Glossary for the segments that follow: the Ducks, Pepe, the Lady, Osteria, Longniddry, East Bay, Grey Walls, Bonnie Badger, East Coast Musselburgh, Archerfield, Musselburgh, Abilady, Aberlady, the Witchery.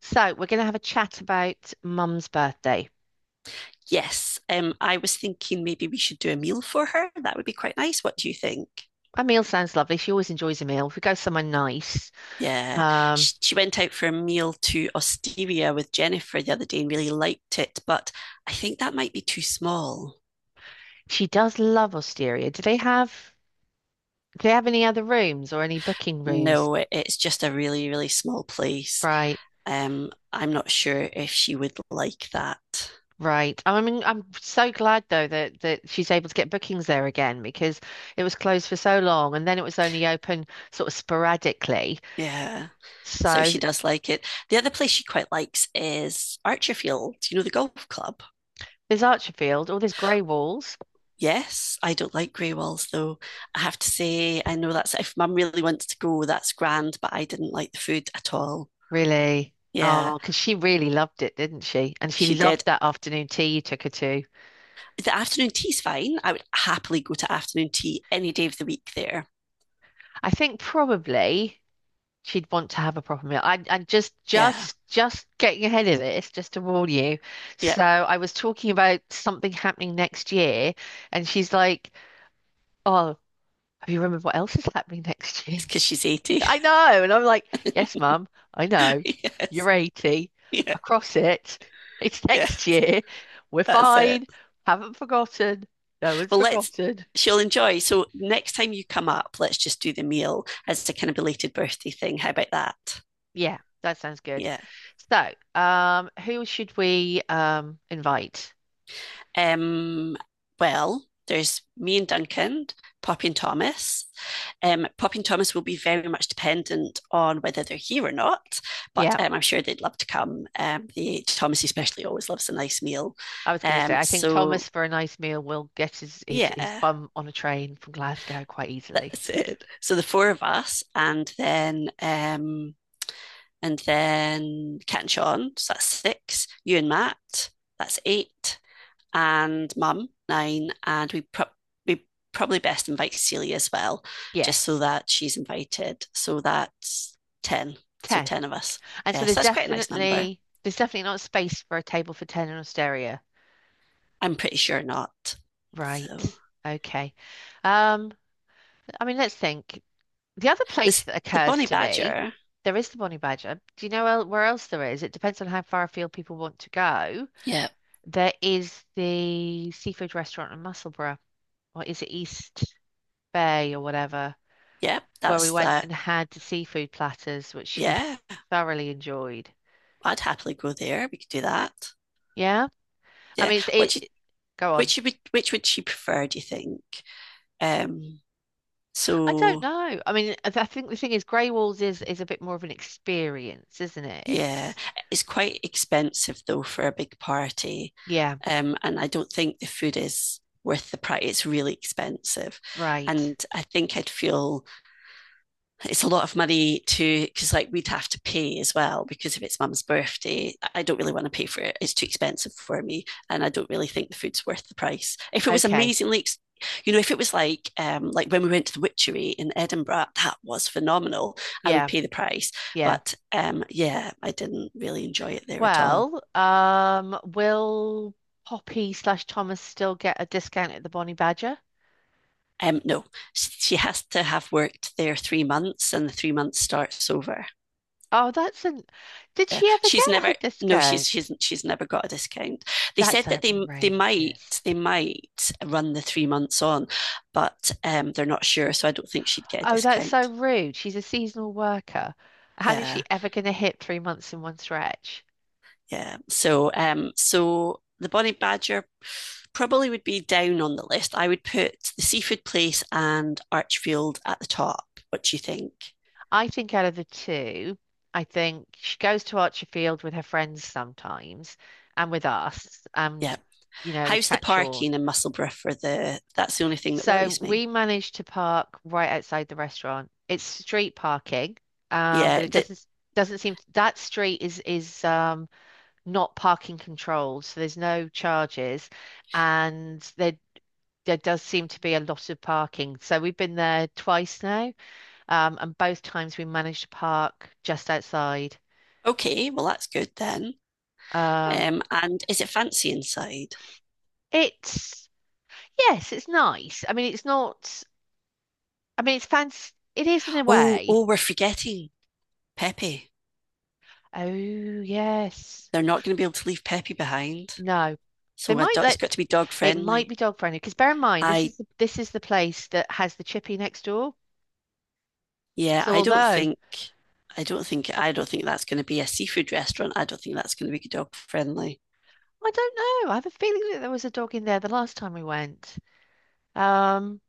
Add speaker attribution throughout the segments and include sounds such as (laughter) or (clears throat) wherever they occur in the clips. Speaker 1: So we're going to have a chat about Mum's birthday.
Speaker 2: Yes, I was thinking maybe we should do a meal for her. That would be quite nice. What do you think?
Speaker 1: A meal sounds lovely. She always enjoys a meal. If we go somewhere nice,
Speaker 2: Yeah,
Speaker 1: um,
Speaker 2: she went out for a meal to Osteria with Jennifer the other day and really liked it, but I think that might be too small.
Speaker 1: she does love Osteria. Do they have any other rooms or any booking rooms?
Speaker 2: No, it's just a really, really small place.
Speaker 1: Right,
Speaker 2: I'm not sure if she would like that.
Speaker 1: right. I mean, I'm so glad though that she's able to get bookings there again because it was closed for so long and then it was only open sort of sporadically.
Speaker 2: Yeah, so
Speaker 1: So
Speaker 2: she does like it. The other place she quite likes is Archerfield, you know, the golf club.
Speaker 1: there's Archerfield, all there's grey walls.
Speaker 2: Yes, I don't like grey walls though. I have to say, I know that's if mum really wants to go, that's grand, but I didn't like the food at all.
Speaker 1: Really?
Speaker 2: Yeah,
Speaker 1: Oh, because she really loved it, didn't she? And she
Speaker 2: she
Speaker 1: loved
Speaker 2: did.
Speaker 1: that afternoon tea you took her to.
Speaker 2: The afternoon tea's fine. I would happily go to afternoon tea any day of the week there.
Speaker 1: I think probably she'd want to have a proper meal. I'm
Speaker 2: Yeah,
Speaker 1: just getting ahead of this, just to warn you.
Speaker 2: yeah,
Speaker 1: So I was talking about something happening next year, and she's like, "Oh, have you remembered what else is happening next (laughs) year?"
Speaker 2: it's because she's 80.
Speaker 1: I know. And I'm like, yes, mum, I
Speaker 2: (laughs)
Speaker 1: know.
Speaker 2: Yes,
Speaker 1: You're 80.
Speaker 2: yeah,
Speaker 1: Across it. (laughs) It's
Speaker 2: yeah,
Speaker 1: next year. We're
Speaker 2: that's it.
Speaker 1: fine. Haven't forgotten. No one's
Speaker 2: Well, let's.
Speaker 1: forgotten.
Speaker 2: She'll enjoy. So next time you come up, let's just do the meal as a kind of belated birthday thing. How about that?
Speaker 1: Yeah, that sounds good.
Speaker 2: Yeah.
Speaker 1: So, who should we invite?
Speaker 2: Um, well, there's me and Duncan, Poppy and Thomas. Poppy and Thomas will be very much dependent on whether they're here or not, but
Speaker 1: Yeah,
Speaker 2: I'm sure they'd love to come. Thomas especially always loves a nice meal.
Speaker 1: I was going to say,
Speaker 2: Um,
Speaker 1: I think
Speaker 2: so
Speaker 1: Thomas for a nice meal will get his his
Speaker 2: yeah,
Speaker 1: bum on a train from Glasgow quite easily.
Speaker 2: that's it. So the four of us, and then Cat and Sean, so that's six. You and Matt, that's eight. And mum, nine, and we probably best invite Celia as well, just so
Speaker 1: Yes,
Speaker 2: that she's invited. So that's ten. So
Speaker 1: ten.
Speaker 2: ten of us.
Speaker 1: And so
Speaker 2: Yeah,
Speaker 1: there's
Speaker 2: so that's quite a nice number.
Speaker 1: definitely there's definitely not space for a table for ten in Osteria.
Speaker 2: I'm pretty sure not.
Speaker 1: Right.
Speaker 2: So
Speaker 1: Okay. Um, I mean, let's think. The other place
Speaker 2: this
Speaker 1: that
Speaker 2: the
Speaker 1: occurs
Speaker 2: Bonnie
Speaker 1: to me,
Speaker 2: Badger.
Speaker 1: there is the Bonnie Badger. Do you know where else there is? It depends on how far afield people want to go.
Speaker 2: Yeah,
Speaker 1: There is the seafood restaurant in Musselburgh, or is it East Bay or whatever,
Speaker 2: yeah,
Speaker 1: where we
Speaker 2: that's
Speaker 1: went
Speaker 2: that.
Speaker 1: and had the seafood platters, which he
Speaker 2: Yeah,
Speaker 1: thoroughly enjoyed.
Speaker 2: I'd happily go there. We could do that.
Speaker 1: Yeah. I
Speaker 2: Yeah,
Speaker 1: mean, it's, it, it- go on.
Speaker 2: which would she prefer? Do you think? Um,
Speaker 1: I don't
Speaker 2: so
Speaker 1: know. I mean, I think the thing is, Grey Walls is a bit more of an experience, isn't it?
Speaker 2: Yeah,
Speaker 1: It's
Speaker 2: it's quite expensive though for a big party.
Speaker 1: yeah,
Speaker 2: And I don't think the food is worth the price. It's really expensive.
Speaker 1: right.
Speaker 2: And I think I'd feel it's a lot of money to, because like we'd have to pay as well, because if it's mum's birthday, I don't really want to pay for it. It's too expensive for me, and I don't really think the food's worth the price. If it was
Speaker 1: Okay.
Speaker 2: amazingly, you know, if it was like when we went to the Witchery in Edinburgh, that was phenomenal. I would
Speaker 1: Yeah,
Speaker 2: pay the price,
Speaker 1: yeah.
Speaker 2: but yeah, I didn't really enjoy it there at all.
Speaker 1: Well, will Poppy slash Thomas still get a discount at the Bonnie Badger?
Speaker 2: Um, no, she has to have worked there three months and the three months starts over.
Speaker 1: Oh, that's an. Did she ever
Speaker 2: She's
Speaker 1: get
Speaker 2: never
Speaker 1: her
Speaker 2: No, she's
Speaker 1: discount?
Speaker 2: she's she's never got a discount. They said
Speaker 1: That's
Speaker 2: that they might,
Speaker 1: outrageous.
Speaker 2: they might run the three months on, but um, they're not sure, so I don't think she'd get a
Speaker 1: Oh, that's so
Speaker 2: discount.
Speaker 1: rude. She's a seasonal worker. How is
Speaker 2: Yeah,
Speaker 1: she ever going to hit 3 months in one stretch?
Speaker 2: yeah, so the Bonnie Badger probably would be down on the list. I would put the seafood place and Archfield at the top. What do you think?
Speaker 1: I think out of the two, I think she goes to Archerfield with her friends sometimes and with us and,
Speaker 2: Yeah,
Speaker 1: you know, with
Speaker 2: how's the
Speaker 1: Cat Sean.
Speaker 2: parking in Musselburgh for the, that's the only thing that
Speaker 1: So
Speaker 2: worries
Speaker 1: we
Speaker 2: me.
Speaker 1: managed to park right outside the restaurant. It's street parking,
Speaker 2: yeah
Speaker 1: but it
Speaker 2: that
Speaker 1: doesn't seem that street is not parking controlled, so there's no charges, and there does seem to be a lot of parking. So we've been there twice now, and both times we managed to park just outside.
Speaker 2: Okay, well, that's good then.
Speaker 1: Um,
Speaker 2: And is it fancy inside?
Speaker 1: it's yes, it's nice. I mean, it's not. I mean, it's fancy. It is in a
Speaker 2: Oh,
Speaker 1: way.
Speaker 2: oh, we're forgetting Pepe.
Speaker 1: Oh yes.
Speaker 2: They're not going to be able to leave Pepe behind.
Speaker 1: No. They
Speaker 2: So a
Speaker 1: might
Speaker 2: it's
Speaker 1: let
Speaker 2: got to be dog
Speaker 1: it might
Speaker 2: friendly.
Speaker 1: be dog friendly because bear in mind
Speaker 2: I,
Speaker 1: this is the place that has the chippy next door.
Speaker 2: yeah,
Speaker 1: So
Speaker 2: I don't
Speaker 1: although
Speaker 2: think, I don't think, I don't think that's going to be a seafood restaurant. I don't think that's going to be dog friendly.
Speaker 1: I don't know, I have a feeling that there was a dog in there the last time we went. Um,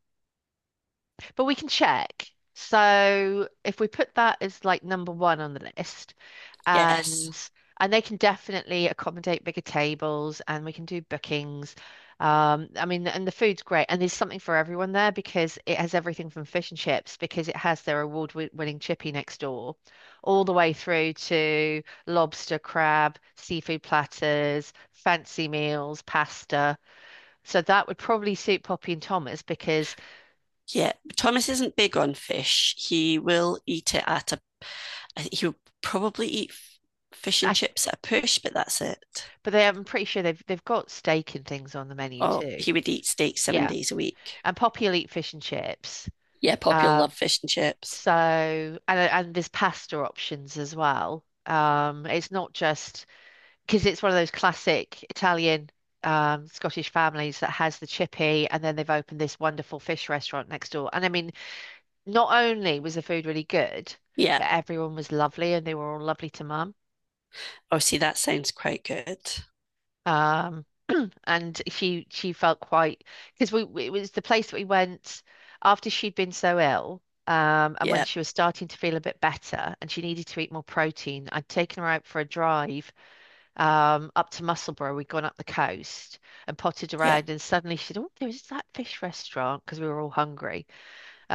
Speaker 1: but we can check. So if we put that as like number one on the list,
Speaker 2: Yes.
Speaker 1: and and they can definitely accommodate bigger tables and we can do bookings, um, I mean, and the food's great, and there's something for everyone there because it has everything from fish and chips, because it has their award-winning chippy next door, all the way through to lobster, crab, seafood platters, fancy meals, pasta, so that would probably suit Poppy and Thomas because
Speaker 2: Yeah. Thomas isn't big on fish. He will eat it at a, he'll probably eat fish and
Speaker 1: I,
Speaker 2: chips at a push, but that's it.
Speaker 1: but they I'm pretty sure they've got steak and things on the menu
Speaker 2: Oh,
Speaker 1: too,
Speaker 2: he would eat steak seven
Speaker 1: yeah,
Speaker 2: days a week.
Speaker 1: and Poppy will eat fish and chips.
Speaker 2: Yeah, Poppy will
Speaker 1: Um.
Speaker 2: love fish and chips.
Speaker 1: So, and there's pasta options as well. It's not just because it's one of those classic Italian, Scottish families that has the chippy, and then they've opened this wonderful fish restaurant next door. And I mean, not only was the food really good,
Speaker 2: Yeah.
Speaker 1: but everyone was lovely, and they were all lovely to mum.
Speaker 2: Oh, see, that sounds quite good.
Speaker 1: Um, (clears throat) and she felt quite because it was the place that we went after she'd been so ill, and when
Speaker 2: Yeah.
Speaker 1: she was starting to feel a bit better and she needed to eat more protein, I'd taken her out for a drive up to Musselburgh. We'd gone up the coast and potted
Speaker 2: Yeah.
Speaker 1: around, and suddenly she said, "Oh, there's that fish restaurant," because we were all hungry.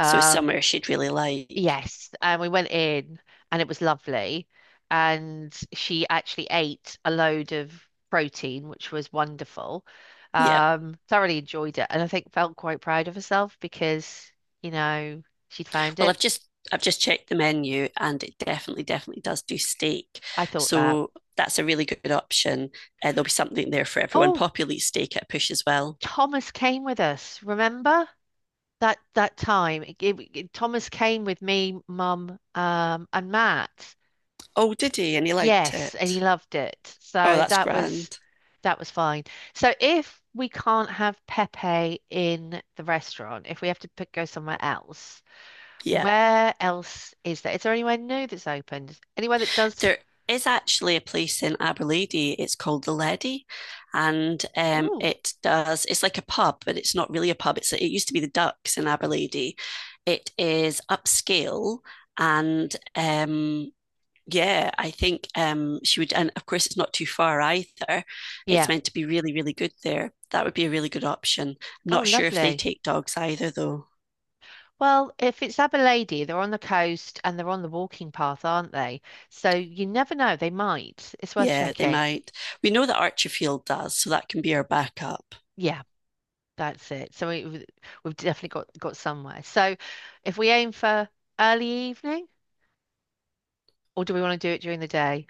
Speaker 2: So it's somewhere she'd really like.
Speaker 1: Yes, and we went in and it was lovely. And she actually ate a load of protein, which was wonderful.
Speaker 2: Yeah.
Speaker 1: Thoroughly enjoyed it and I think felt quite proud of herself because, you know, she'd found
Speaker 2: Well,
Speaker 1: it.
Speaker 2: I've just checked the menu and it definitely, definitely does do steak.
Speaker 1: I thought that.
Speaker 2: So that's a really good option. There'll be something there for everyone.
Speaker 1: Oh,
Speaker 2: Poppy will eat steak at a push as well.
Speaker 1: Thomas came with us, remember? That that time. It- it- Thomas came with me, Mum, and Matt.
Speaker 2: Oh, did he? And he liked
Speaker 1: Yes, and he
Speaker 2: it.
Speaker 1: loved it.
Speaker 2: Oh,
Speaker 1: So
Speaker 2: that's grand.
Speaker 1: that was fine. So if we can't have Pepe in the restaurant, if we have to pick, go somewhere else,
Speaker 2: Yeah.
Speaker 1: where else is there? Is there anywhere new that's opened? Anywhere that does?
Speaker 2: There is actually a place in Aberlady. It's called the Lady, and
Speaker 1: Ooh,
Speaker 2: it does. It's like a pub, but it's not really a pub. It used to be the Ducks in Aberlady. It is upscale, and yeah, I think she would. And of course, it's not too far either. It's
Speaker 1: yeah.
Speaker 2: meant to be really, really good there. That would be a really good option. I'm
Speaker 1: Oh,
Speaker 2: not sure if they
Speaker 1: lovely.
Speaker 2: take dogs either, though.
Speaker 1: Well, if it's Abilady, they're on the coast and they're on the walking path, aren't they? So you never know, they might. It's worth
Speaker 2: Yeah, they
Speaker 1: checking.
Speaker 2: might. We know that Archerfield does, so that can be our backup.
Speaker 1: Yeah. That's it. So we've definitely got somewhere. So if we aim for early evening, or do we want to do it during the day?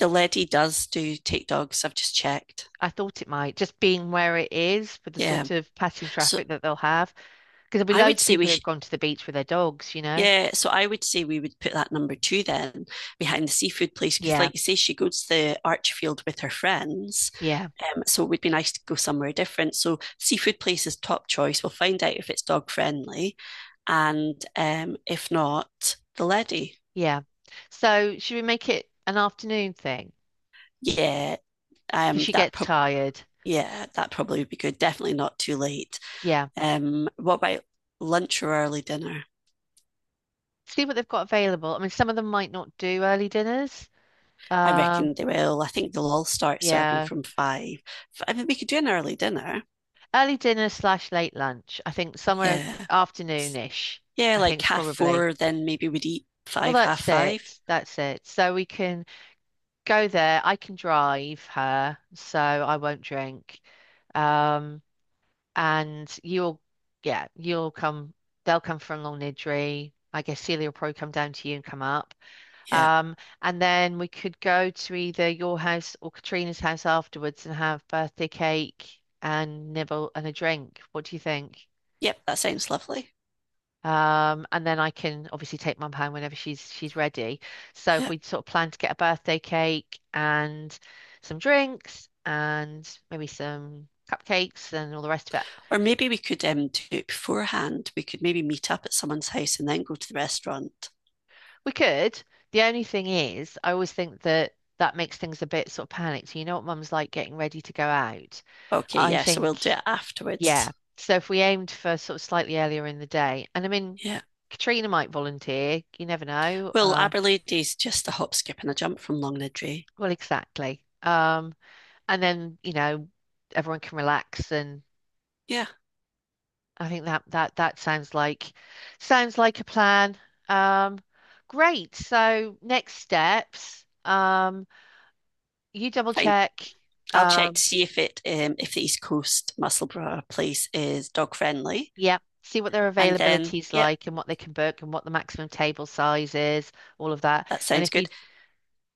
Speaker 2: The Lady does do take dogs, I've just checked.
Speaker 1: I thought it might, just being where it is for the
Speaker 2: Yeah.
Speaker 1: sort of passing
Speaker 2: So
Speaker 1: traffic that they'll have, because there'll be
Speaker 2: I
Speaker 1: loads
Speaker 2: would
Speaker 1: of
Speaker 2: say we
Speaker 1: people
Speaker 2: sh
Speaker 1: who've gone to the beach with their dogs, you know?
Speaker 2: yeah. So I would say we would put that number two then behind the seafood place because,
Speaker 1: Yeah,
Speaker 2: like you say, she goes to the Archfield with her friends.
Speaker 1: yeah,
Speaker 2: So it would be nice to go somewhere different. So seafood place is top choice. We'll find out if it's dog friendly, and if not, the Lady.
Speaker 1: yeah. So should we make it an afternoon thing?
Speaker 2: Yeah.
Speaker 1: Because she
Speaker 2: That
Speaker 1: gets
Speaker 2: prob
Speaker 1: tired.
Speaker 2: Yeah. That probably would be good. Definitely not too late.
Speaker 1: Yeah.
Speaker 2: What about lunch or early dinner?
Speaker 1: See what they've got available. I mean, some of them might not do early dinners.
Speaker 2: I
Speaker 1: Um,
Speaker 2: reckon they will. I think they'll all start serving
Speaker 1: yeah.
Speaker 2: from five. I mean, we could do an early dinner.
Speaker 1: Early dinner slash late lunch. I think somewhere
Speaker 2: Yeah.
Speaker 1: afternoonish.
Speaker 2: Yeah,
Speaker 1: I think
Speaker 2: like
Speaker 1: it's
Speaker 2: half
Speaker 1: probably.
Speaker 2: four, then maybe we'd eat
Speaker 1: Well,
Speaker 2: five, half
Speaker 1: that's
Speaker 2: five.
Speaker 1: it. That's it. So we can go there. I can drive her, so I won't drink. Um, and yeah, you'll come. They'll come from Long Nidri. I guess Celia will probably come down to you and come up.
Speaker 2: Yeah.
Speaker 1: Um, and then we could go to either your house or Katrina's house afterwards and have birthday cake and nibble and a drink. What do you think?
Speaker 2: Yep, that sounds lovely.
Speaker 1: And then I can obviously take mum home whenever she's ready. So if
Speaker 2: Yeah.
Speaker 1: we sort of plan to get a birthday cake and some drinks and maybe some cupcakes and all the rest of it,
Speaker 2: Or maybe we could do it beforehand. We could maybe meet up at someone's house and then go to the restaurant.
Speaker 1: we could. The only thing is, I always think that that makes things a bit sort of panicked. You know what mum's like getting ready to go out.
Speaker 2: Okay,
Speaker 1: I
Speaker 2: yeah, so we'll
Speaker 1: think,
Speaker 2: do it
Speaker 1: yeah.
Speaker 2: afterwards.
Speaker 1: So if we aimed for sort of slightly earlier in the day, and I mean,
Speaker 2: Yeah.
Speaker 1: Katrina might volunteer. You never know.
Speaker 2: Well, Aberlady's just a hop, skip, and a jump from Longniddry.
Speaker 1: Well, exactly. And then, you know, everyone can relax and
Speaker 2: Yeah,
Speaker 1: I think that that sounds like a plan. Um, great. So next steps, you double
Speaker 2: fine.
Speaker 1: check,
Speaker 2: I'll check to
Speaker 1: um,
Speaker 2: see if it if the East Coast Musselburgh place is dog friendly.
Speaker 1: yeah, see what their
Speaker 2: And then,
Speaker 1: availability is
Speaker 2: yep,
Speaker 1: like and what they can book and what the maximum table size is, all of that.
Speaker 2: that
Speaker 1: And
Speaker 2: sounds
Speaker 1: if you
Speaker 2: good.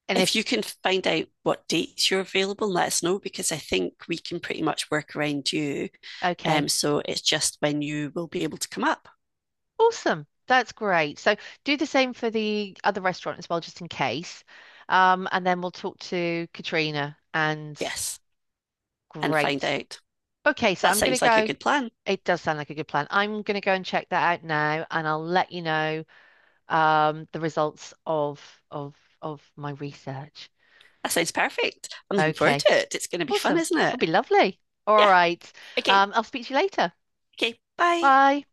Speaker 1: and
Speaker 2: If
Speaker 1: if
Speaker 2: you can find out what dates you're available, let us know because I think we can pretty much work around you.
Speaker 1: okay,
Speaker 2: So it's just when you will be able to come up.
Speaker 1: awesome. That's great. So do the same for the other restaurant as well, just in case. And then we'll talk to Katrina and
Speaker 2: Yes, and find
Speaker 1: great.
Speaker 2: out.
Speaker 1: Okay, so
Speaker 2: That
Speaker 1: I'm going to
Speaker 2: sounds like a
Speaker 1: go.
Speaker 2: good plan.
Speaker 1: It does sound like a good plan. I'm going to go and check that out now, and I'll let you know the results of of of my research.
Speaker 2: That sounds perfect. I'm looking forward
Speaker 1: Okay,
Speaker 2: to it. It's going to be fun,
Speaker 1: awesome.
Speaker 2: isn't
Speaker 1: It'll
Speaker 2: it?
Speaker 1: be lovely. All
Speaker 2: Yeah.
Speaker 1: right.
Speaker 2: Okay.
Speaker 1: I'll speak to you later.
Speaker 2: Okay. Bye.
Speaker 1: Bye.